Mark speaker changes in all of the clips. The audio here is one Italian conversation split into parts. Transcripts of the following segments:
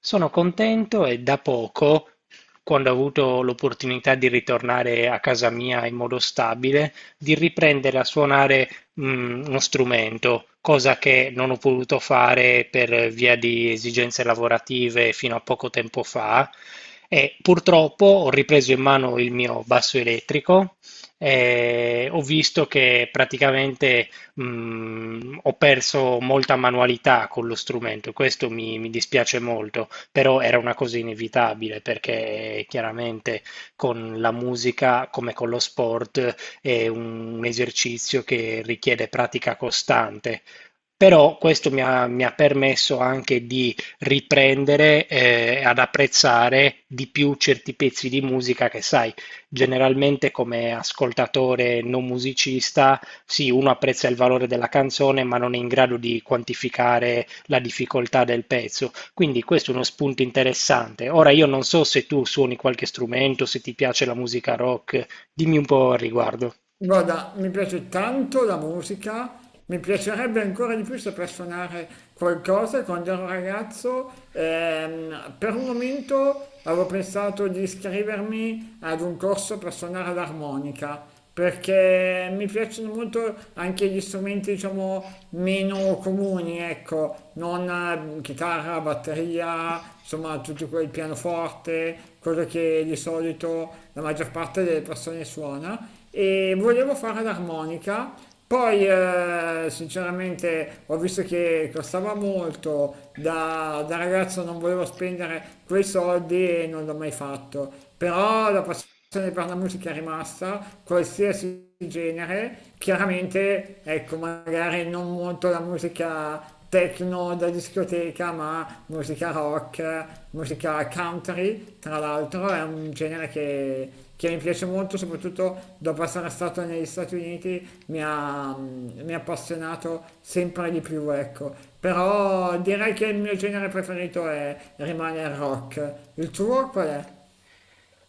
Speaker 1: Sono contento e da poco, quando ho avuto l'opportunità di ritornare a casa mia in modo stabile, di riprendere a suonare, uno strumento, cosa che non ho potuto fare per via di esigenze lavorative fino a poco tempo fa. E purtroppo ho ripreso in mano il mio basso elettrico e ho visto che praticamente ho perso molta manualità con lo strumento, questo mi dispiace molto, però era una cosa inevitabile perché chiaramente con la musica, come con lo sport, è un esercizio che richiede pratica costante. Però questo mi ha permesso anche di riprendere ad apprezzare di più certi pezzi di musica che, sai, generalmente come ascoltatore non musicista, sì, uno apprezza il valore della canzone, ma non è in grado di quantificare la difficoltà del pezzo. Quindi questo è uno spunto interessante. Ora io non so se tu suoni qualche strumento, se ti piace la musica rock, dimmi un po' al riguardo.
Speaker 2: Guarda, mi piace tanto la musica, mi piacerebbe ancora di più saper suonare qualcosa. Quando ero ragazzo, per un momento avevo pensato di iscrivermi ad un corso per suonare l'armonica, perché mi piacciono molto anche gli strumenti, diciamo, meno comuni, ecco, non chitarra, batteria, insomma, tutti quel pianoforte, quello che di solito la maggior parte delle persone suona e volevo fare l'armonica. Poi, sinceramente, ho visto che costava molto, da ragazzo non volevo spendere quei soldi e non l'ho mai fatto. Però la passione per la musica è rimasta, qualsiasi genere, chiaramente ecco magari non molto la musica techno da discoteca, ma musica rock, musica country, tra l'altro è un genere che mi piace molto, soprattutto dopo essere stato negli Stati Uniti mi ha appassionato sempre di più, ecco. Però direi che il mio genere preferito rimane il rock. Il tuo qual è?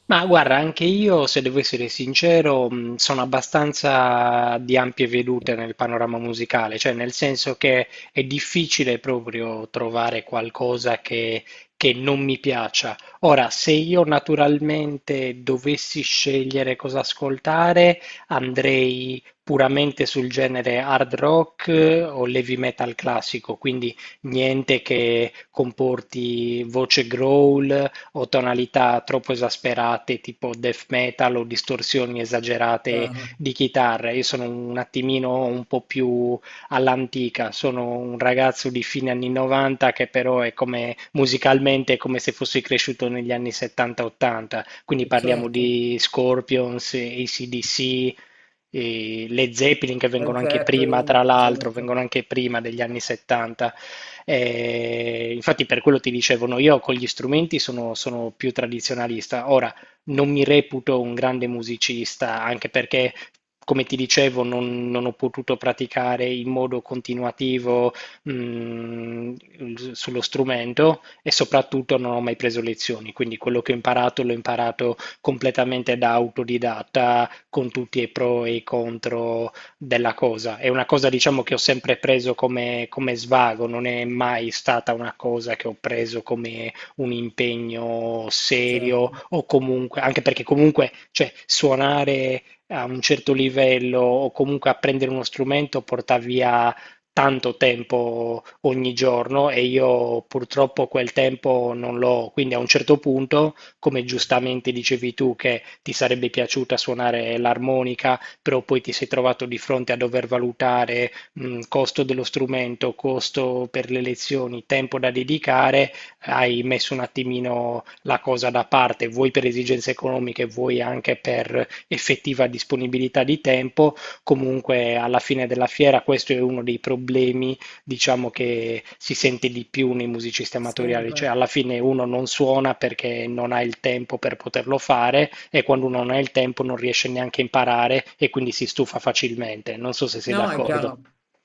Speaker 1: Ma guarda, anche io, se devo essere sincero, sono abbastanza di ampie vedute nel panorama musicale, cioè nel senso che è difficile proprio trovare qualcosa che non mi piaccia. Ora, se io naturalmente dovessi scegliere cosa ascoltare, andrei puramente sul genere hard rock o heavy metal classico, quindi niente che comporti voce growl o tonalità troppo esasperate, tipo death metal o distorsioni esagerate
Speaker 2: Chiaro.
Speaker 1: di chitarra. Io sono un attimino un po' più all'antica, sono un ragazzo di fine anni 90 che però è come musicalmente è come se fossi cresciuto negli anni 70-80, quindi parliamo
Speaker 2: Certo.
Speaker 1: di Scorpions, AC/DC, e le Zeppelin che vengono
Speaker 2: Led
Speaker 1: anche prima,
Speaker 2: Zeppelin,
Speaker 1: tra l'altro,
Speaker 2: certo.
Speaker 1: vengono anche prima degli anni 70. Infatti per quello ti dicevano io con gli strumenti sono più tradizionalista. Ora, non mi reputo un grande musicista, anche perché, come ti dicevo, non ho potuto praticare in modo continuativo, mm, sullo strumento e soprattutto non ho mai preso lezioni, quindi quello che ho imparato l'ho imparato completamente da autodidatta, con tutti i pro e i contro della cosa. È una cosa, diciamo, che ho sempre preso come svago, non è mai stata una cosa che ho preso come un impegno serio
Speaker 2: Certo.
Speaker 1: o comunque, anche perché comunque, cioè, suonare a un certo livello o comunque apprendere uno strumento porta via tanto tempo ogni giorno e io purtroppo quel tempo non l'ho, quindi a un certo punto, come giustamente dicevi tu, che ti sarebbe piaciuta suonare l'armonica, però poi ti sei trovato di fronte a dover valutare costo dello strumento, costo per le lezioni, tempo da dedicare, hai messo un attimino la cosa da parte, vuoi per esigenze economiche, vuoi anche per effettiva disponibilità di tempo. Comunque alla fine della fiera questo è uno dei problemi diciamo che si sente di più nei musicisti amatoriali,
Speaker 2: Sempre.
Speaker 1: cioè alla fine uno non suona perché non ha il tempo per poterlo fare e quando uno non ha il tempo non riesce neanche a imparare e quindi si stufa facilmente. Non so se sei
Speaker 2: No, è
Speaker 1: d'accordo.
Speaker 2: chiaro,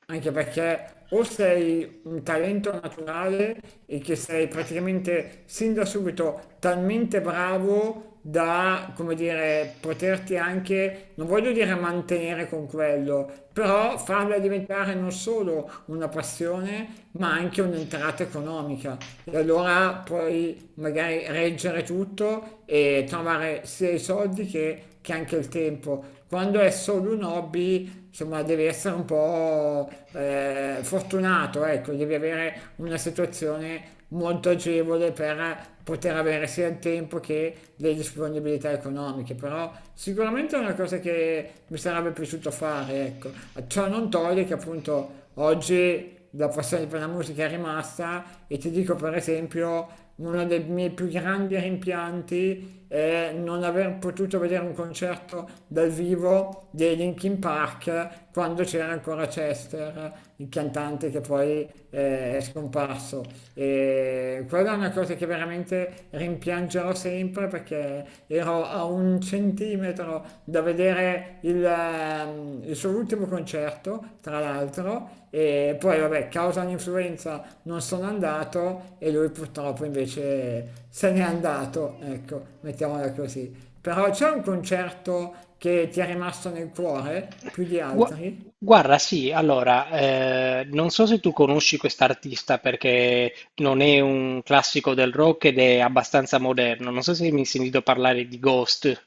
Speaker 2: anche perché o sei un talento naturale e che sei praticamente sin da subito talmente bravo da, come dire, poterti anche, non voglio dire mantenere con quello, però farla diventare non solo una passione, ma anche un'entrata economica. E allora puoi magari reggere tutto e trovare sia i soldi che anche il tempo. Quando è solo un hobby insomma, devi essere un po' fortunato, ecco, devi avere una situazione molto agevole per poter avere sia il tempo che le disponibilità economiche, però sicuramente è una cosa che mi sarebbe piaciuto fare, ecco. Ciò non toglie che appunto oggi la passione per la musica è rimasta e ti dico per esempio uno dei miei più grandi rimpianti è non aver potuto vedere un concerto dal vivo dei Linkin Park quando c'era ancora Chester, il cantante che poi è scomparso. E quella è una cosa che veramente rimpiangerò sempre perché ero a un centimetro da vedere il suo ultimo concerto, tra l'altro, e poi vabbè, causa un'influenza non sono andato e lui purtroppo invece se n'è andato, ecco, mettiamola così. Però c'è un concerto che ti è rimasto nel cuore più di
Speaker 1: Gua-
Speaker 2: altri?
Speaker 1: Guarda, sì, allora, non so se tu conosci quest'artista perché non è un classico del rock ed è abbastanza moderno. Non so se mi hai sentito parlare di Ghost.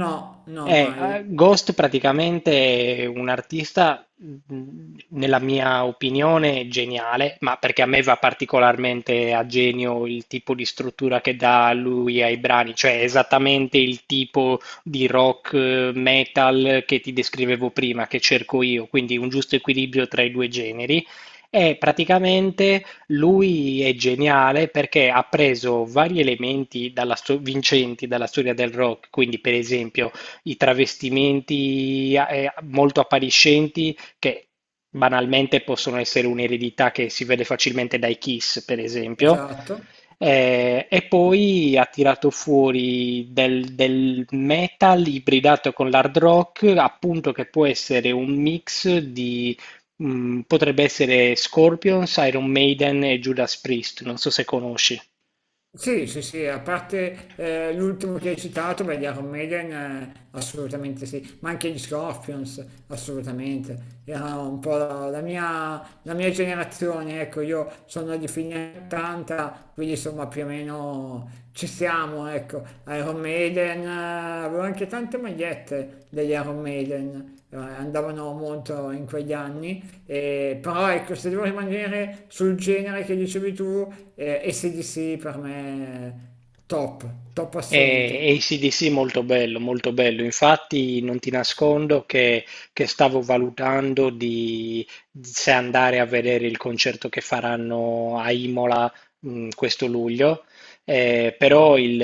Speaker 2: No, no, mai.
Speaker 1: Ghost praticamente è un artista, nella mia opinione, geniale, ma perché a me va particolarmente a genio il tipo di struttura che dà lui ai brani, cioè esattamente il tipo di rock, metal che ti descrivevo prima, che cerco io, quindi un giusto equilibrio tra i due generi. E praticamente lui è geniale perché ha preso vari elementi vincenti dalla storia del rock, quindi per esempio i travestimenti molto appariscenti che banalmente possono essere un'eredità che si vede facilmente dai Kiss, per esempio.
Speaker 2: Esatto.
Speaker 1: E poi ha tirato fuori del metal ibridato con l'hard rock, appunto, che può essere un mix di, potrebbe essere Scorpions, Iron Maiden e Judas Priest, non so se conosci.
Speaker 2: Sì, sì, sì, a parte l'ultimo che hai citato, beh, gli Iron Maiden, assolutamente sì, ma anche gli Scorpions, assolutamente. Era un po' la mia generazione, ecco, io sono di fine 80, quindi insomma più o meno ci siamo, ecco. Iron Maiden, avevo anche tante magliette degli Iron Maiden, andavano molto in quegli anni però ecco, se devo rimanere sul genere che dicevi tu, AC/DC per me è top, top assoluto.
Speaker 1: E AC/DC molto bello, molto bello. Infatti non ti nascondo che stavo valutando di, se andare a vedere il concerto che faranno a Imola, questo luglio. Però il,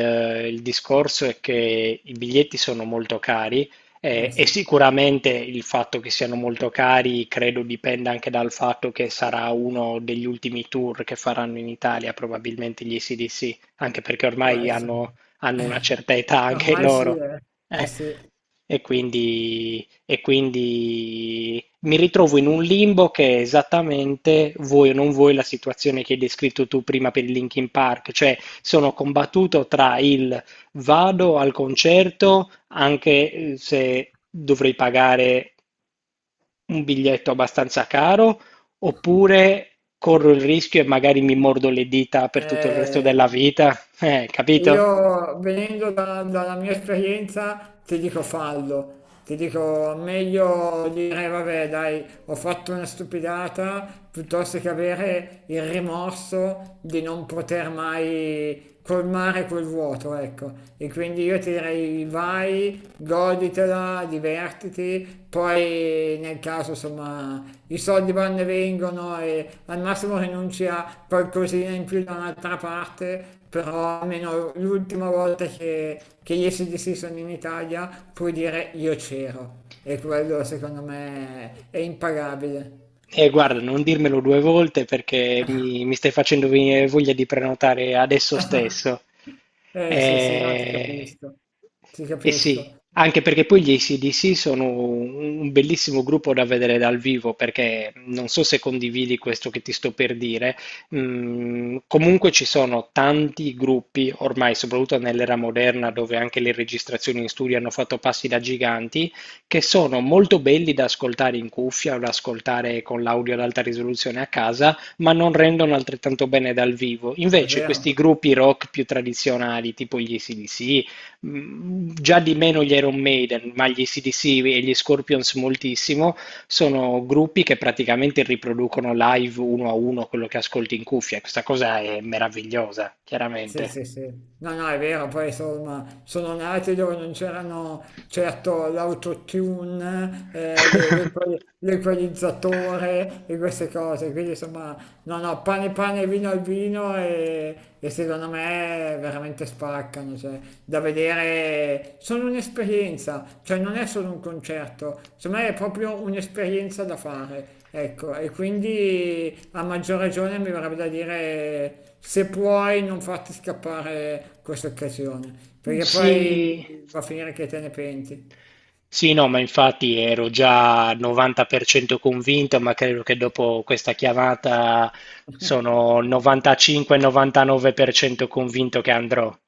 Speaker 1: il discorso è che i biglietti sono molto cari,
Speaker 2: Eh
Speaker 1: e
Speaker 2: sì,
Speaker 1: sicuramente il fatto che siano molto cari credo dipenda anche dal fatto che sarà uno degli ultimi tour che faranno in Italia, probabilmente gli AC/DC, anche perché
Speaker 2: può
Speaker 1: ormai
Speaker 2: essere.
Speaker 1: hanno una certa età anche
Speaker 2: Ormai sì,
Speaker 1: loro.
Speaker 2: eh. Eh
Speaker 1: Eh,
Speaker 2: sì.
Speaker 1: e quindi mi ritrovo in un limbo che è esattamente, vuoi o non vuoi, la situazione che hai descritto tu prima per il Linkin Park, cioè sono combattuto tra il vado al concerto anche se dovrei pagare un biglietto abbastanza caro, oppure corro il rischio e magari mi mordo le dita per tutto il resto della
Speaker 2: Eh,
Speaker 1: vita, capito?
Speaker 2: io venendo dalla mia esperienza ti dico fallo, ti dico meglio dire vabbè dai ho fatto una stupidata piuttosto che avere il rimorso di non poter mai colmare quel vuoto, ecco. E quindi io ti direi vai goditela, divertiti, poi nel caso insomma i soldi vanno e vengono e al massimo rinunci a qualcosina in più da un'altra parte, però almeno l'ultima volta che gli SDC sono in Italia puoi dire io c'ero e quello secondo me è impagabile.
Speaker 1: Guarda, non dirmelo due volte perché mi stai facendo venire voglia di prenotare adesso stesso.
Speaker 2: Eh sì sì, no ti
Speaker 1: Eh,
Speaker 2: capisco, ti
Speaker 1: eh sì,
Speaker 2: capisco,
Speaker 1: anche perché poi gli AC/DC sono un bellissimo gruppo da vedere dal vivo, perché non so se condividi questo che ti sto per dire, comunque ci sono tanti gruppi, ormai soprattutto nell'era moderna, dove anche le registrazioni in studio hanno fatto passi da giganti, che sono molto belli da ascoltare in cuffia o da ascoltare con l'audio ad alta risoluzione a casa, ma non rendono altrettanto bene dal vivo.
Speaker 2: è
Speaker 1: Invece questi
Speaker 2: vero.
Speaker 1: gruppi rock più tradizionali, tipo gli ac, già di meno gli Iron Maiden, ma gli ac e gli Scorpions moltissimo, sono gruppi che praticamente riproducono live uno a uno quello che ascolti in cuffia. Questa cosa è meravigliosa,
Speaker 2: Sì,
Speaker 1: chiaramente.
Speaker 2: sì, sì. No, no, è vero, poi insomma, sono nati dove non c'erano certo l'autotune, l'equalizzatore e queste cose, quindi insomma, no, no, pane pane, vino al vino e secondo me veramente spaccano, cioè, da vedere, sono un'esperienza, cioè non è solo un concerto, secondo me è proprio un'esperienza da fare. Ecco, e quindi a maggior ragione mi verrebbe da dire se puoi non farti scappare questa occasione, perché
Speaker 1: Sì.
Speaker 2: poi va a finire che te ne penti.
Speaker 1: Sì, no, ma infatti ero già al 90% convinto, ma credo che dopo questa chiamata sono 95-99% convinto che andrò.